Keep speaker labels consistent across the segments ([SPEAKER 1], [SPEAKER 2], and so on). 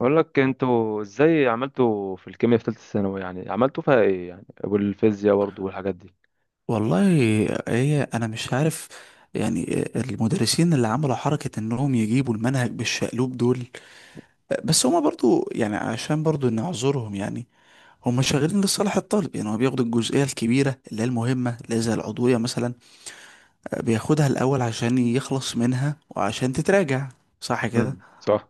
[SPEAKER 1] بقول لك انتوا ازاي عملتوا في الكيمياء في ثالثه ثانوي، يعني عملتوا فيها ايه يعني، والفيزياء برضو والحاجات دي؟
[SPEAKER 2] والله، هي انا مش عارف. يعني المدرسين اللي عملوا حركة انهم يجيبوا المنهج بالشقلوب دول، بس هما برضو يعني عشان برضو نعذرهم يعني. هما شغالين لصالح الطالب، يعني هو بياخد الجزئية الكبيرة اللي هي المهمة اللي هي زي العضوية مثلا، بياخدها الأول عشان يخلص منها وعشان تتراجع، صح كده؟
[SPEAKER 1] صح.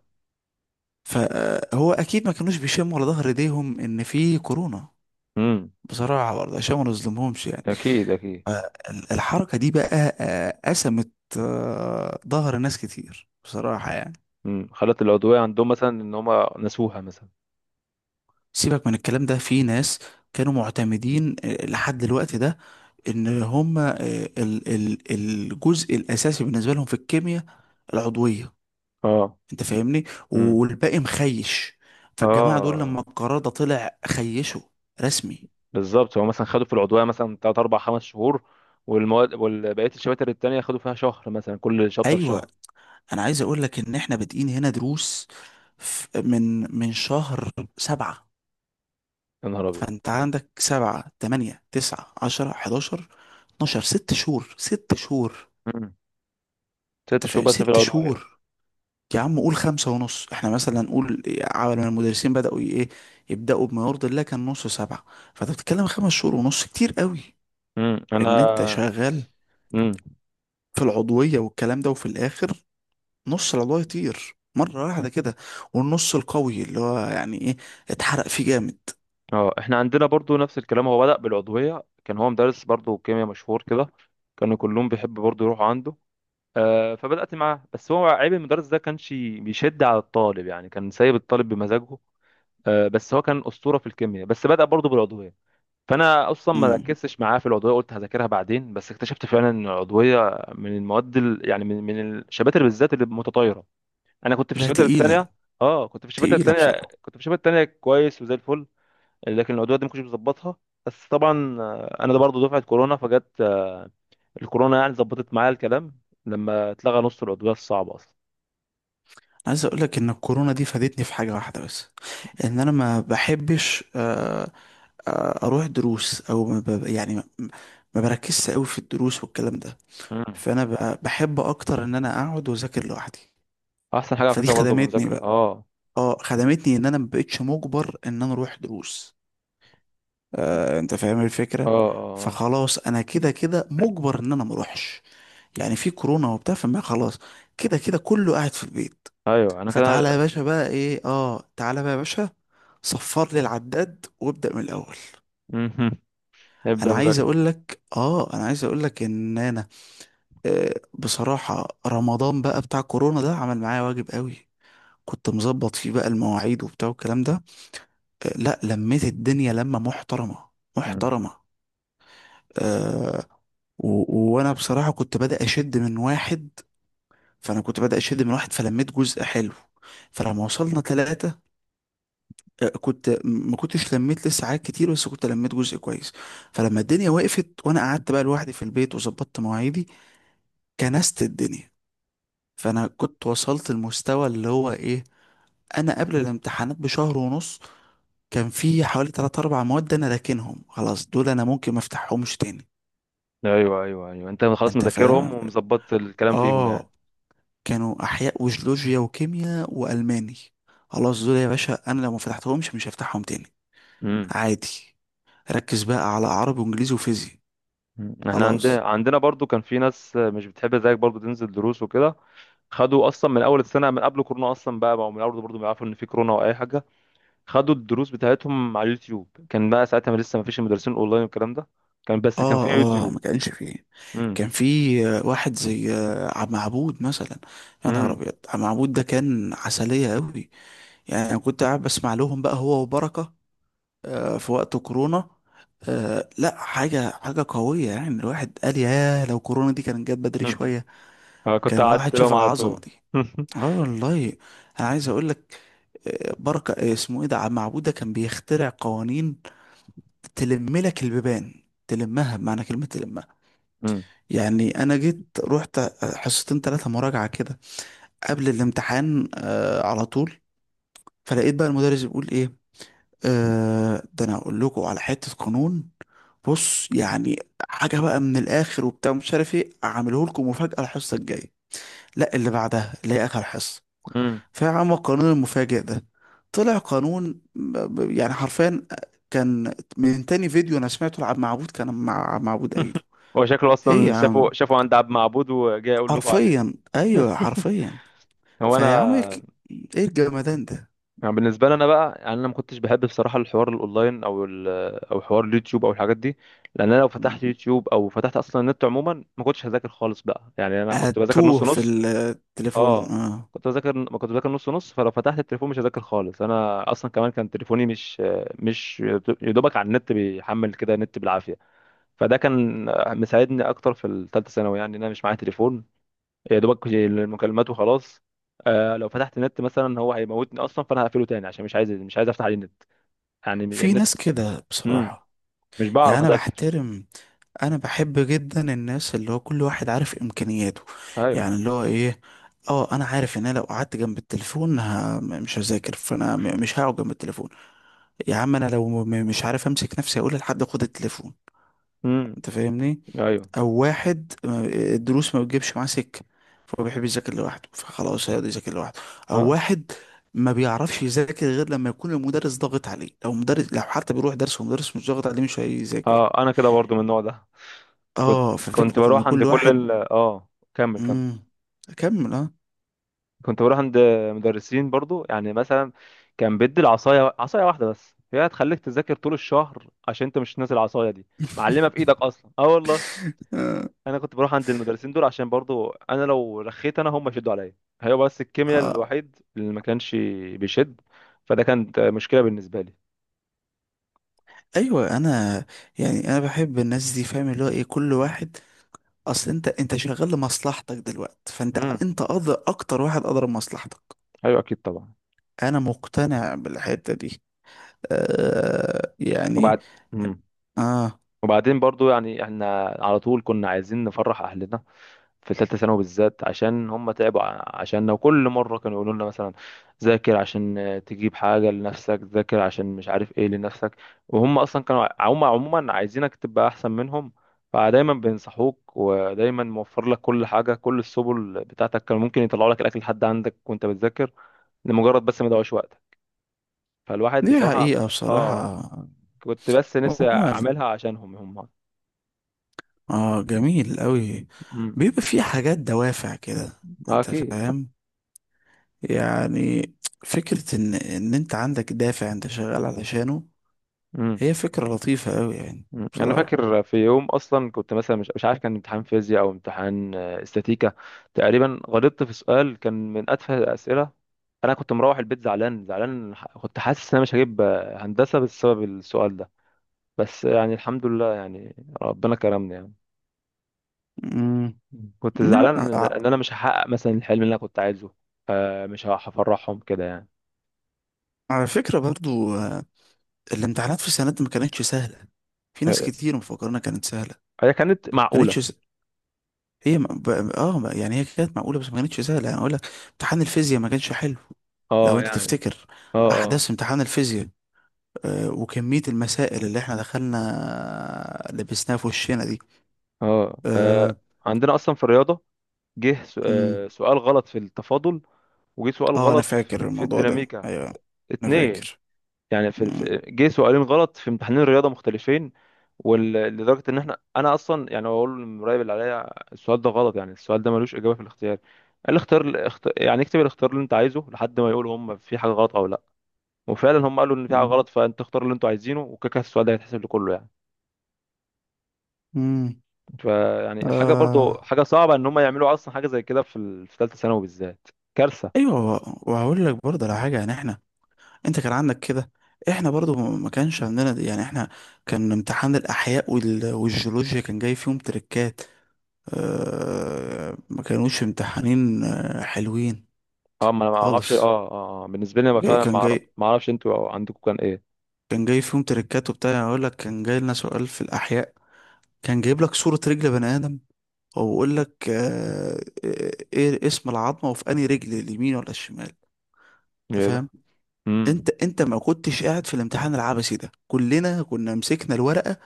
[SPEAKER 2] فهو أكيد ما كانوش بيشموا على ظهر ايديهم إن في كورونا،
[SPEAKER 1] امم.
[SPEAKER 2] بصراحة برضه عشان ما نظلمهمش يعني.
[SPEAKER 1] اكيد اكيد.
[SPEAKER 2] آه، الحركة دي بقى قسمت. ظهر ناس كتير بصراحة يعني.
[SPEAKER 1] خلت العضويه عندهم مثلا ان هم نسوها مثلا.
[SPEAKER 2] سيبك من الكلام ده، في ناس كانوا معتمدين لحد الوقت ده، ان هم الجزء الاساسي بالنسبة لهم في الكيمياء العضوية،
[SPEAKER 1] اه.
[SPEAKER 2] انت فاهمني؟
[SPEAKER 1] امم.
[SPEAKER 2] والباقي مخيش. فالجماعة دول
[SPEAKER 1] اه.
[SPEAKER 2] لما القرار ده طلع خيشوا رسمي.
[SPEAKER 1] بالظبط، هو مثلا خدوا في العضويه مثلا 3 4 5 شهور. والمواد والبقيه الشباتر التانية خدوا فيها شهر مثلا، كل شابتر
[SPEAKER 2] ايوه،
[SPEAKER 1] شهر.
[SPEAKER 2] انا عايز اقول لك ان احنا بادئين هنا دروس من شهر سبعة.
[SPEAKER 1] يا نهار ابيض!
[SPEAKER 2] فانت عندك سبعة، تمانية، تسعة، عشرة، حداشر، اتناشر، ست شهور ست شهور.
[SPEAKER 1] امم. ست
[SPEAKER 2] انت
[SPEAKER 1] شهور
[SPEAKER 2] فاهم؟
[SPEAKER 1] بس في
[SPEAKER 2] ست
[SPEAKER 1] العضويه.
[SPEAKER 2] شهور. يا عم قول خمسة ونص، احنا مثلا نقول عمل ما المدرسين بدأوا ايه، يبدأوا بما يرضي الله، كان نص سبعة. فانت بتتكلم خمس شهور ونص، كتير قوي.
[SPEAKER 1] امم، انا.
[SPEAKER 2] ان انت شغال
[SPEAKER 1] امم.
[SPEAKER 2] في العضوية والكلام ده، وفي الاخر نص العضوية يطير مرة واحدة كده، والنص القوي اللي هو يعني ايه، اتحرق فيه جامد.
[SPEAKER 1] اه. احنا عندنا برضو نفس الكلام، هو بدأ بالعضوية. كان هو مدرس برضو كيمياء مشهور كده. كانوا كلهم بيحب برضو يروحوا عنده. فبدأت معاه، بس هو عيب المدرس ده كانش بيشد على الطالب، يعني كان سايب الطالب بمزاجه. بس هو كان أسطورة في الكيمياء، بس بدأ برضو بالعضوية. فأنا أصلا ما
[SPEAKER 2] امم
[SPEAKER 1] ركزتش معاه في العضوية، قلت هذاكرها بعدين. بس اكتشفت فعلا إن العضوية من المواد يعني من الشباتر بالذات اللي متطايرة. أنا كنت في
[SPEAKER 2] لا،
[SPEAKER 1] الشباتر
[SPEAKER 2] تقيلة،
[SPEAKER 1] التانية. اه كنت في الشباتر
[SPEAKER 2] تقيلة
[SPEAKER 1] التانية.
[SPEAKER 2] بصراحة.
[SPEAKER 1] كنت في الشباتر التانية كويس وزي الفل. لكن العدويات دي ما كنتش بظبطها. بس طبعا انا ده برضه دفعه كورونا فجت الكورونا، يعني ظبطت معايا الكلام لما اتلغى نص العضويات الصعبه اصلا.
[SPEAKER 2] عايز اقول لك ان الكورونا دي فادتني في حاجه واحده بس. ان انا ما بحبش اروح دروس، او ما ب- يعني ما بركزش قوي في الدروس والكلام ده.
[SPEAKER 1] مم.
[SPEAKER 2] فانا بحب اكتر ان انا اقعد واذاكر لوحدي.
[SPEAKER 1] احسن حاجه على
[SPEAKER 2] فدي
[SPEAKER 1] فكره، برضه
[SPEAKER 2] خدمتني
[SPEAKER 1] بمذاكره
[SPEAKER 2] بقى.
[SPEAKER 1] اه.
[SPEAKER 2] اه، خدمتني ان انا ما بقتش مجبر ان انا اروح دروس. انت فاهم
[SPEAKER 1] اه
[SPEAKER 2] الفكره؟
[SPEAKER 1] اه.
[SPEAKER 2] فخلاص انا كده كده مجبر ان انا ما اروحش، يعني في كورونا وبتاع، فما خلاص. كده كده كله قاعد في البيت.
[SPEAKER 1] آه. ايوه انا
[SPEAKER 2] فتعالى يا
[SPEAKER 1] كده.
[SPEAKER 2] باشا بقى ايه، اه تعالى بقى يا باشا صفر لي العداد وابدأ من الاول.
[SPEAKER 1] مهم. نبدا
[SPEAKER 2] انا عايز
[SPEAKER 1] مذاكره.
[SPEAKER 2] اقول لك، اه انا عايز اقول لك ان انا بصراحة رمضان بقى بتاع كورونا ده عمل معايا واجب قوي. كنت مظبط فيه بقى المواعيد وبتاع والكلام ده. لا، لميت الدنيا لمة محترمة،
[SPEAKER 1] مم.
[SPEAKER 2] محترمة. آه وانا بصراحة كنت بدأ اشد من واحد. فانا كنت بدأ اشد من واحد فلميت جزء حلو. فلما وصلنا ثلاثة كنت ما كنتش لميت لسه حاجات كتير بس كنت لميت جزء كويس. فلما الدنيا وقفت وانا قعدت بقى لوحدي في البيت وظبطت مواعيدي، كنست الدنيا. فانا كنت وصلت المستوى اللي هو ايه، انا قبل الامتحانات بشهر ونص كان في حوالي 3 4 مواد انا راكنهم خلاص، دول انا ممكن ما افتحهمش تاني.
[SPEAKER 1] ايوه ايوه ايوه، انت خلاص
[SPEAKER 2] انت
[SPEAKER 1] مذاكرهم
[SPEAKER 2] فاهم؟
[SPEAKER 1] ومظبط الكلام فيهم يعني.
[SPEAKER 2] اه. كانوا احياء وجيولوجيا وكيمياء والماني، خلاص دول يا باشا انا لو ما فتحتهمش مش هفتحهم تاني،
[SPEAKER 1] امم.
[SPEAKER 2] عادي. ركز بقى على عربي وانجليزي وفيزياء،
[SPEAKER 1] احنا عندنا
[SPEAKER 2] خلاص.
[SPEAKER 1] برضو كان في ناس مش بتحب زيك برضو تنزل دروس وكده. خدوا اصلا من اول السنه من قبل كورونا اصلا بقى، بقوا من اول برضو بيعرفوا ان في كورونا او اي حاجه. خدوا الدروس بتاعتهم على اليوتيوب. كان بقى ساعتها ما لسه ما فيش المدرسين اونلاين والكلام ده، كان بس كان في
[SPEAKER 2] اه اه،
[SPEAKER 1] يوتيوب.
[SPEAKER 2] ما كانش فيه.
[SPEAKER 1] امم.
[SPEAKER 2] كان في واحد زي عم عبود مثلا. يا نهار
[SPEAKER 1] امم.
[SPEAKER 2] ابيض، عم عبود ده كان عسلية قوي. يعني انا كنت قاعد بسمع لهم بقى هو وبركة في وقت كورونا. لا، حاجة حاجة قوية يعني، الواحد قال يا لو كورونا دي كانت جت بدري شوية
[SPEAKER 1] أنا كنت
[SPEAKER 2] كان
[SPEAKER 1] قعدت
[SPEAKER 2] الواحد
[SPEAKER 1] لهم
[SPEAKER 2] شاف
[SPEAKER 1] على
[SPEAKER 2] العظمة
[SPEAKER 1] طول.
[SPEAKER 2] دي. اه والله. انا عايز اقول لك بركة اسمه ايه ده، عم عبود ده كان بيخترع قوانين تلم لك البيبان، تلمها بمعنى كلمة تلمها.
[SPEAKER 1] مم.
[SPEAKER 2] يعني انا جيت رحت حصتين ثلاثه مراجعه كده قبل الامتحان على طول، فلقيت بقى المدرس بيقول ايه. ده انا اقول لكم على حته قانون. بص يعني حاجه بقى من الاخر وبتاع مش عارف ايه اعمله لكم، مفاجاه الحصه الجايه، لا اللي بعدها اللي هي اخر حصه.
[SPEAKER 1] مم.
[SPEAKER 2] فيا عم، القانون المفاجئ ده طلع قانون يعني حرفيا، كان من تاني فيديو انا سمعته لعب معبود، كان مع معبود قايله.
[SPEAKER 1] هو شكله
[SPEAKER 2] ايه
[SPEAKER 1] اصلا
[SPEAKER 2] يا عم،
[SPEAKER 1] شافوا عند عبد معبود وجاي اقول لكم عليه.
[SPEAKER 2] حرفيا، ايوه حرفيا.
[SPEAKER 1] هو انا
[SPEAKER 2] فيا عم ايه، إيه الجمدان ده؟
[SPEAKER 1] يعني بالنسبه لي انا بقى، يعني انا ما كنتش بحب بصراحه الحوار الاونلاين او او حوار اليوتيوب او الحاجات دي. لان انا لو
[SPEAKER 2] مم.
[SPEAKER 1] فتحت يوتيوب او فتحت اصلا النت عموما ما كنتش هذاكر خالص بقى، يعني انا كنت بذاكر نص
[SPEAKER 2] هتوه في
[SPEAKER 1] نص.
[SPEAKER 2] التليفون
[SPEAKER 1] اه.
[SPEAKER 2] اه.
[SPEAKER 1] كنت بذاكر، ما كنت بذاكر نص نص، فلو فتحت التليفون مش هذاكر خالص. انا اصلا كمان كان تليفوني مش يدوبك على النت، بيحمل كده نت بالعافيه. فده كان مساعدني اكتر في الثالثه ثانوي، يعني ان انا مش معايا تليفون. يا دوبك المكالمات وخلاص. لو فتحت النت مثلا هو هيموتني اصلا، فانا هقفله تاني عشان مش عايز، مش عايز افتح عليه النت، يعني
[SPEAKER 2] في
[SPEAKER 1] النت.
[SPEAKER 2] ناس كده
[SPEAKER 1] امم.
[SPEAKER 2] بصراحة،
[SPEAKER 1] مش
[SPEAKER 2] يعني
[SPEAKER 1] بعرف
[SPEAKER 2] انا
[SPEAKER 1] اذاكر.
[SPEAKER 2] بحترم. انا بحب جدا الناس اللي هو كل واحد عارف امكانياته،
[SPEAKER 1] ايوه.
[SPEAKER 2] يعني اللي هو ايه، اه انا عارف ان انا لو قعدت جنب التليفون مش هذاكر، فانا مش هقعد جنب التليفون. يا عم انا لو مش عارف امسك نفسي، اقول لحد خد التليفون،
[SPEAKER 1] امم.
[SPEAKER 2] انت فاهمني؟
[SPEAKER 1] ايوه.
[SPEAKER 2] او واحد الدروس ما بتجيبش معاه سكه، فهو بيحب يذاكر لوحده، فخلاص هيقعد يذاكر لوحده. او
[SPEAKER 1] اه
[SPEAKER 2] واحد ما بيعرفش يذاكر غير لما يكون المدرس ضاغط عليه، لو مدرس لو حتى بيروح درس ومدرس مش ضاغط عليه مش هيذاكر.
[SPEAKER 1] اه، انا كده برضو من النوع ده. كنت
[SPEAKER 2] اه،
[SPEAKER 1] كنت
[SPEAKER 2] ففكره ان
[SPEAKER 1] بروح عند
[SPEAKER 2] كل
[SPEAKER 1] كل
[SPEAKER 2] واحد.
[SPEAKER 1] ال اه. كمل كمل.
[SPEAKER 2] امم اكمل اه.
[SPEAKER 1] كنت بروح عند مدرسين برضو، يعني مثلا كان بيدي العصايه، عصايه واحده بس هي هتخليك تذاكر طول الشهر عشان انت مش ناسي العصايه دي. معلمه في ايدك اصلا، اه والله.
[SPEAKER 2] اه
[SPEAKER 1] انا كنت بروح عند المدرسين دول عشان برضو انا لو رخيت انا هم يشدوا عليا. هي بس الكيمياء
[SPEAKER 2] آه،
[SPEAKER 1] الوحيد اللي ما كانش بيشد، فده كانت مشكله بالنسبه لي.
[SPEAKER 2] ايوه انا. يعني انا بحب الناس دي فاهم اللي هو ايه كل واحد، اصل انت انت شغال لمصلحتك دلوقتي، فانت
[SPEAKER 1] امم.
[SPEAKER 2] انت أقدر اكتر واحد قدر مصلحتك.
[SPEAKER 1] ايوه اكيد طبعا.
[SPEAKER 2] انا مقتنع بالحتة دي. يعني
[SPEAKER 1] وبعد
[SPEAKER 2] اه،
[SPEAKER 1] وبعدين برضو، يعني احنا على طول كنا عايزين نفرح اهلنا في ثالثه ثانوي بالذات، عشان هم تعبوا عشاننا. وكل مره كانوا يقولوا لنا مثلا ذاكر عشان تجيب حاجه لنفسك، ذاكر عشان مش عارف ايه لنفسك. وهم اصلا كانوا هم عموما عايزينك تبقى احسن منهم. فدايما بينصحوك، ودايما موفر لك كل حاجه، كل السبل بتاعتك. كانوا ممكن يطلعوا لك الاكل لحد عندك وانت بتذاكر لمجرد بس ما يضيعوش وقتك. فالواحد
[SPEAKER 2] دي
[SPEAKER 1] بصراحه
[SPEAKER 2] حقيقة
[SPEAKER 1] بالظبط، اه،
[SPEAKER 2] بصراحة.
[SPEAKER 1] كنت بس نفسي
[SPEAKER 2] هما ال-
[SPEAKER 1] اعملها عشانهم هم.
[SPEAKER 2] اه جميل قوي.
[SPEAKER 1] مم.
[SPEAKER 2] بيبقى في حاجات دوافع كده،
[SPEAKER 1] آه،
[SPEAKER 2] انت
[SPEAKER 1] اكيد.
[SPEAKER 2] فاهم؟ يعني فكرة ان انت عندك دافع انت شغال علشانه،
[SPEAKER 1] امم.
[SPEAKER 2] هي فكرة لطيفة قوي يعني.
[SPEAKER 1] أمم. انا
[SPEAKER 2] بصراحة.
[SPEAKER 1] فاكر في يوم اصلا، كنت مثلا مش عارف كان امتحان فيزياء او امتحان استاتيكا. تقريبا غلطت في سؤال كان من اتفه الاسئله. انا كنت مروح البيت زعلان زعلان، كنت حاسس ان انا مش هجيب هندسه بسبب السؤال ده. بس يعني الحمد لله يعني، ربنا كرمني يعني.
[SPEAKER 2] امم
[SPEAKER 1] أمم. كنت
[SPEAKER 2] لا
[SPEAKER 1] زعلان ان
[SPEAKER 2] ع-
[SPEAKER 1] إن انا مش هحقق مثلا الحلم اللي انا كنت عايزه، مش هفرحهم كده يعني.
[SPEAKER 2] على فكرة برضو الامتحانات في السنة دي ما كانتش سهلة. في ناس
[SPEAKER 1] آه،
[SPEAKER 2] كتير مفكرنا كانت سهلة.
[SPEAKER 1] هي كانت
[SPEAKER 2] ما
[SPEAKER 1] معقوله.
[SPEAKER 2] كانتش. هي ما- ب... اه، يعني هي كانت معقولة بس ما كانتش سهلة يعني اقول لك. امتحان الفيزياء ما كانش حلو، لو
[SPEAKER 1] اه
[SPEAKER 2] انت
[SPEAKER 1] يعني.
[SPEAKER 2] تفتكر
[SPEAKER 1] اه اه
[SPEAKER 2] احداث امتحان الفيزياء وكمية المسائل اللي احنا دخلنا لبسناها في وشنا دي.
[SPEAKER 1] اه.
[SPEAKER 2] اه.
[SPEAKER 1] آه، عندنا اصلا في الرياضه جه
[SPEAKER 2] مم.
[SPEAKER 1] سؤال غلط في التفاضل، وجه سؤال
[SPEAKER 2] انا
[SPEAKER 1] غلط
[SPEAKER 2] فاكر
[SPEAKER 1] في
[SPEAKER 2] الموضوع ده،
[SPEAKER 1] الديناميكا،
[SPEAKER 2] ايوه انا
[SPEAKER 1] اتنين.
[SPEAKER 2] فاكر.
[SPEAKER 1] يعني
[SPEAKER 2] مم.
[SPEAKER 1] جه سؤالين غلط في امتحانين رياضة مختلفين. لدرجة ان انا اصلا يعني بقول للمراقب اللي عليا السؤال ده غلط، يعني السؤال ده ملوش اجابة في الاختيار. قال لي اختار يعني اكتب الاختيار اللي انت عايزه لحد ما يقولوا هم في حاجة غلط او لا. وفعلا هم قالوا ان في حاجة
[SPEAKER 2] مم.
[SPEAKER 1] غلط، فانت اختار اللي انتوا عايزينه وكده كده السؤال ده هيتحسب لكله يعني.
[SPEAKER 2] مم.
[SPEAKER 1] فيعني حاجة، برضو
[SPEAKER 2] آه.
[SPEAKER 1] حاجة صعبة ان هم يعملوا اصلا حاجة زي كده في في ثالثة ثانوي بالذات. كارثة.
[SPEAKER 2] ايوه، وهقول لك برضه على حاجة، يعني احنا انت كان عندك كده، احنا برضه ما كانش عندنا دي. يعني احنا كان امتحان الاحياء والجيولوجيا كان جاي فيهم تريكات، ما كانوش امتحانين حلوين
[SPEAKER 1] اه، ما انا ما اعرفش، اه.
[SPEAKER 2] خالص.
[SPEAKER 1] اه. آه. بالنسبه لي انا
[SPEAKER 2] جاي
[SPEAKER 1] فعلا
[SPEAKER 2] كان جاي،
[SPEAKER 1] ما اعرفش انتوا عندكم كان ايه.
[SPEAKER 2] كان جاي فيهم تريكات وبتاع، يعني اقول لك كان جاي لنا سؤال في الاحياء كان جايب لك صورة رجل بني ادم، وبقول لك ايه اسم العظمة وفي انهي رجل، اليمين ولا الشمال؟ انت
[SPEAKER 1] ايه ده.
[SPEAKER 2] فاهم؟
[SPEAKER 1] امم.
[SPEAKER 2] انت انت ما كنتش قاعد في الامتحان العبثي ده، كلنا كنا مسكنا الورقة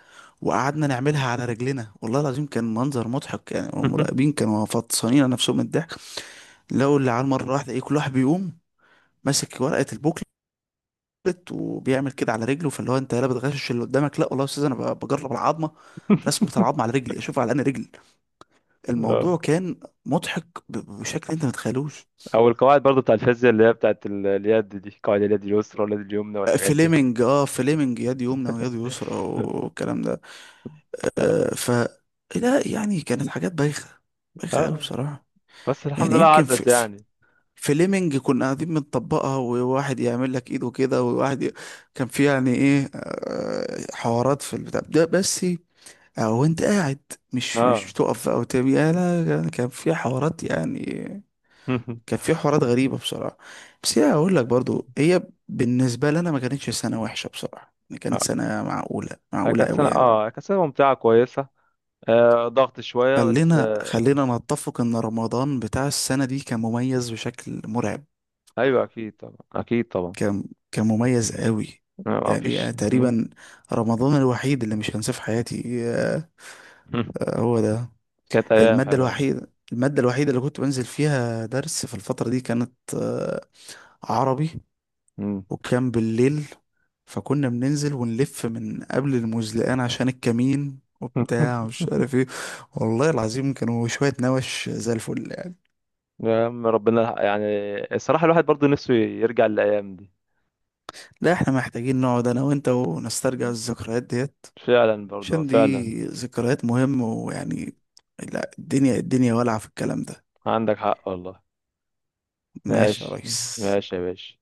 [SPEAKER 2] وقعدنا نعملها على رجلنا. والله العظيم كان منظر مضحك، يعني المراقبين كانوا فطسانين على نفسهم من الضحك. لو اللي على المرة واحدة ايه، كل واحد بيقوم ماسك ورقة البوكلت وبيعمل كده على رجله، فاللي هو انت لا بتغشش اللي قدامك، لا والله يا استاذ انا بجرب العظمة، رسمة العظمة على رجلي اشوف على انهي رجل.
[SPEAKER 1] اه.
[SPEAKER 2] الموضوع كان مضحك بشكل انت ما تتخيلوش.
[SPEAKER 1] او القواعد برضو بتاع الفيزياء، اللي هي بتاعت اليد دي، قواعد اليد اليسرى واليد اليمنى والحاجات دي.
[SPEAKER 2] فليمنج، اه، فليمنج، يد يمنى ويد يسرى والكلام ده. آه ف لا يعني كانت حاجات بايخة، بايخة قوي
[SPEAKER 1] اه
[SPEAKER 2] بصراحة.
[SPEAKER 1] بس الحمد
[SPEAKER 2] يعني
[SPEAKER 1] لله
[SPEAKER 2] يمكن في,
[SPEAKER 1] عدت
[SPEAKER 2] في
[SPEAKER 1] يعني.
[SPEAKER 2] فليمنج كنا قاعدين بنطبقها، وواحد يعمل لك ايده كده وواحد كان في يعني ايه حوارات في البتاع ده بس. او انت قاعد مش
[SPEAKER 1] اه.
[SPEAKER 2] تقف او تبي لا لا، كان في حوارات يعني. كان في حوارات غريبه بصراحه. بس هي اقول لك برضو، هي بالنسبه لنا ما كانتش سنه وحشه بصراحه يعني، كانت
[SPEAKER 1] اه،
[SPEAKER 2] سنه معقوله معقوله قوي يعني.
[SPEAKER 1] كانت سنة ممتعة كويسة. ضغط شوية بس
[SPEAKER 2] خلينا
[SPEAKER 1] آه
[SPEAKER 2] خلينا نتفق ان رمضان بتاع السنه دي كان مميز بشكل مرعب.
[SPEAKER 1] ايوه اكيد طبعا اكيد طبعا.
[SPEAKER 2] كان كان مميز قوي.
[SPEAKER 1] ما
[SPEAKER 2] يعني
[SPEAKER 1] فيش. مم.
[SPEAKER 2] تقريبا رمضان الوحيد اللي مش هنساه في حياتي هو ده.
[SPEAKER 1] كانت ايام
[SPEAKER 2] المادة
[SPEAKER 1] حلوة.
[SPEAKER 2] الوحيدة المادة الوحيدة اللي كنت بنزل فيها درس في الفترة دي كانت عربي،
[SPEAKER 1] مم.
[SPEAKER 2] وكان بالليل، فكنا بننزل ونلف من قبل المزلقان عشان الكمين وبتاع ومش عارف ايه. والله العظيم كانوا شوية نوش زي الفل يعني.
[SPEAKER 1] يا عم ربنا يلحق، يعني الصراحة الواحد برضه نفسه يرجع للأيام دي.
[SPEAKER 2] لا احنا محتاجين نقعد انا وانت ونسترجع الذكريات ديت،
[SPEAKER 1] فعلا برضه
[SPEAKER 2] عشان
[SPEAKER 1] فعلا.
[SPEAKER 2] دي ذكريات مهمة ويعني. لا الدنيا الدنيا ولعة في الكلام ده.
[SPEAKER 1] عندك حق والله.
[SPEAKER 2] ماشي يا
[SPEAKER 1] ماشي.
[SPEAKER 2] ريس.
[SPEAKER 1] ماشي يا باشا.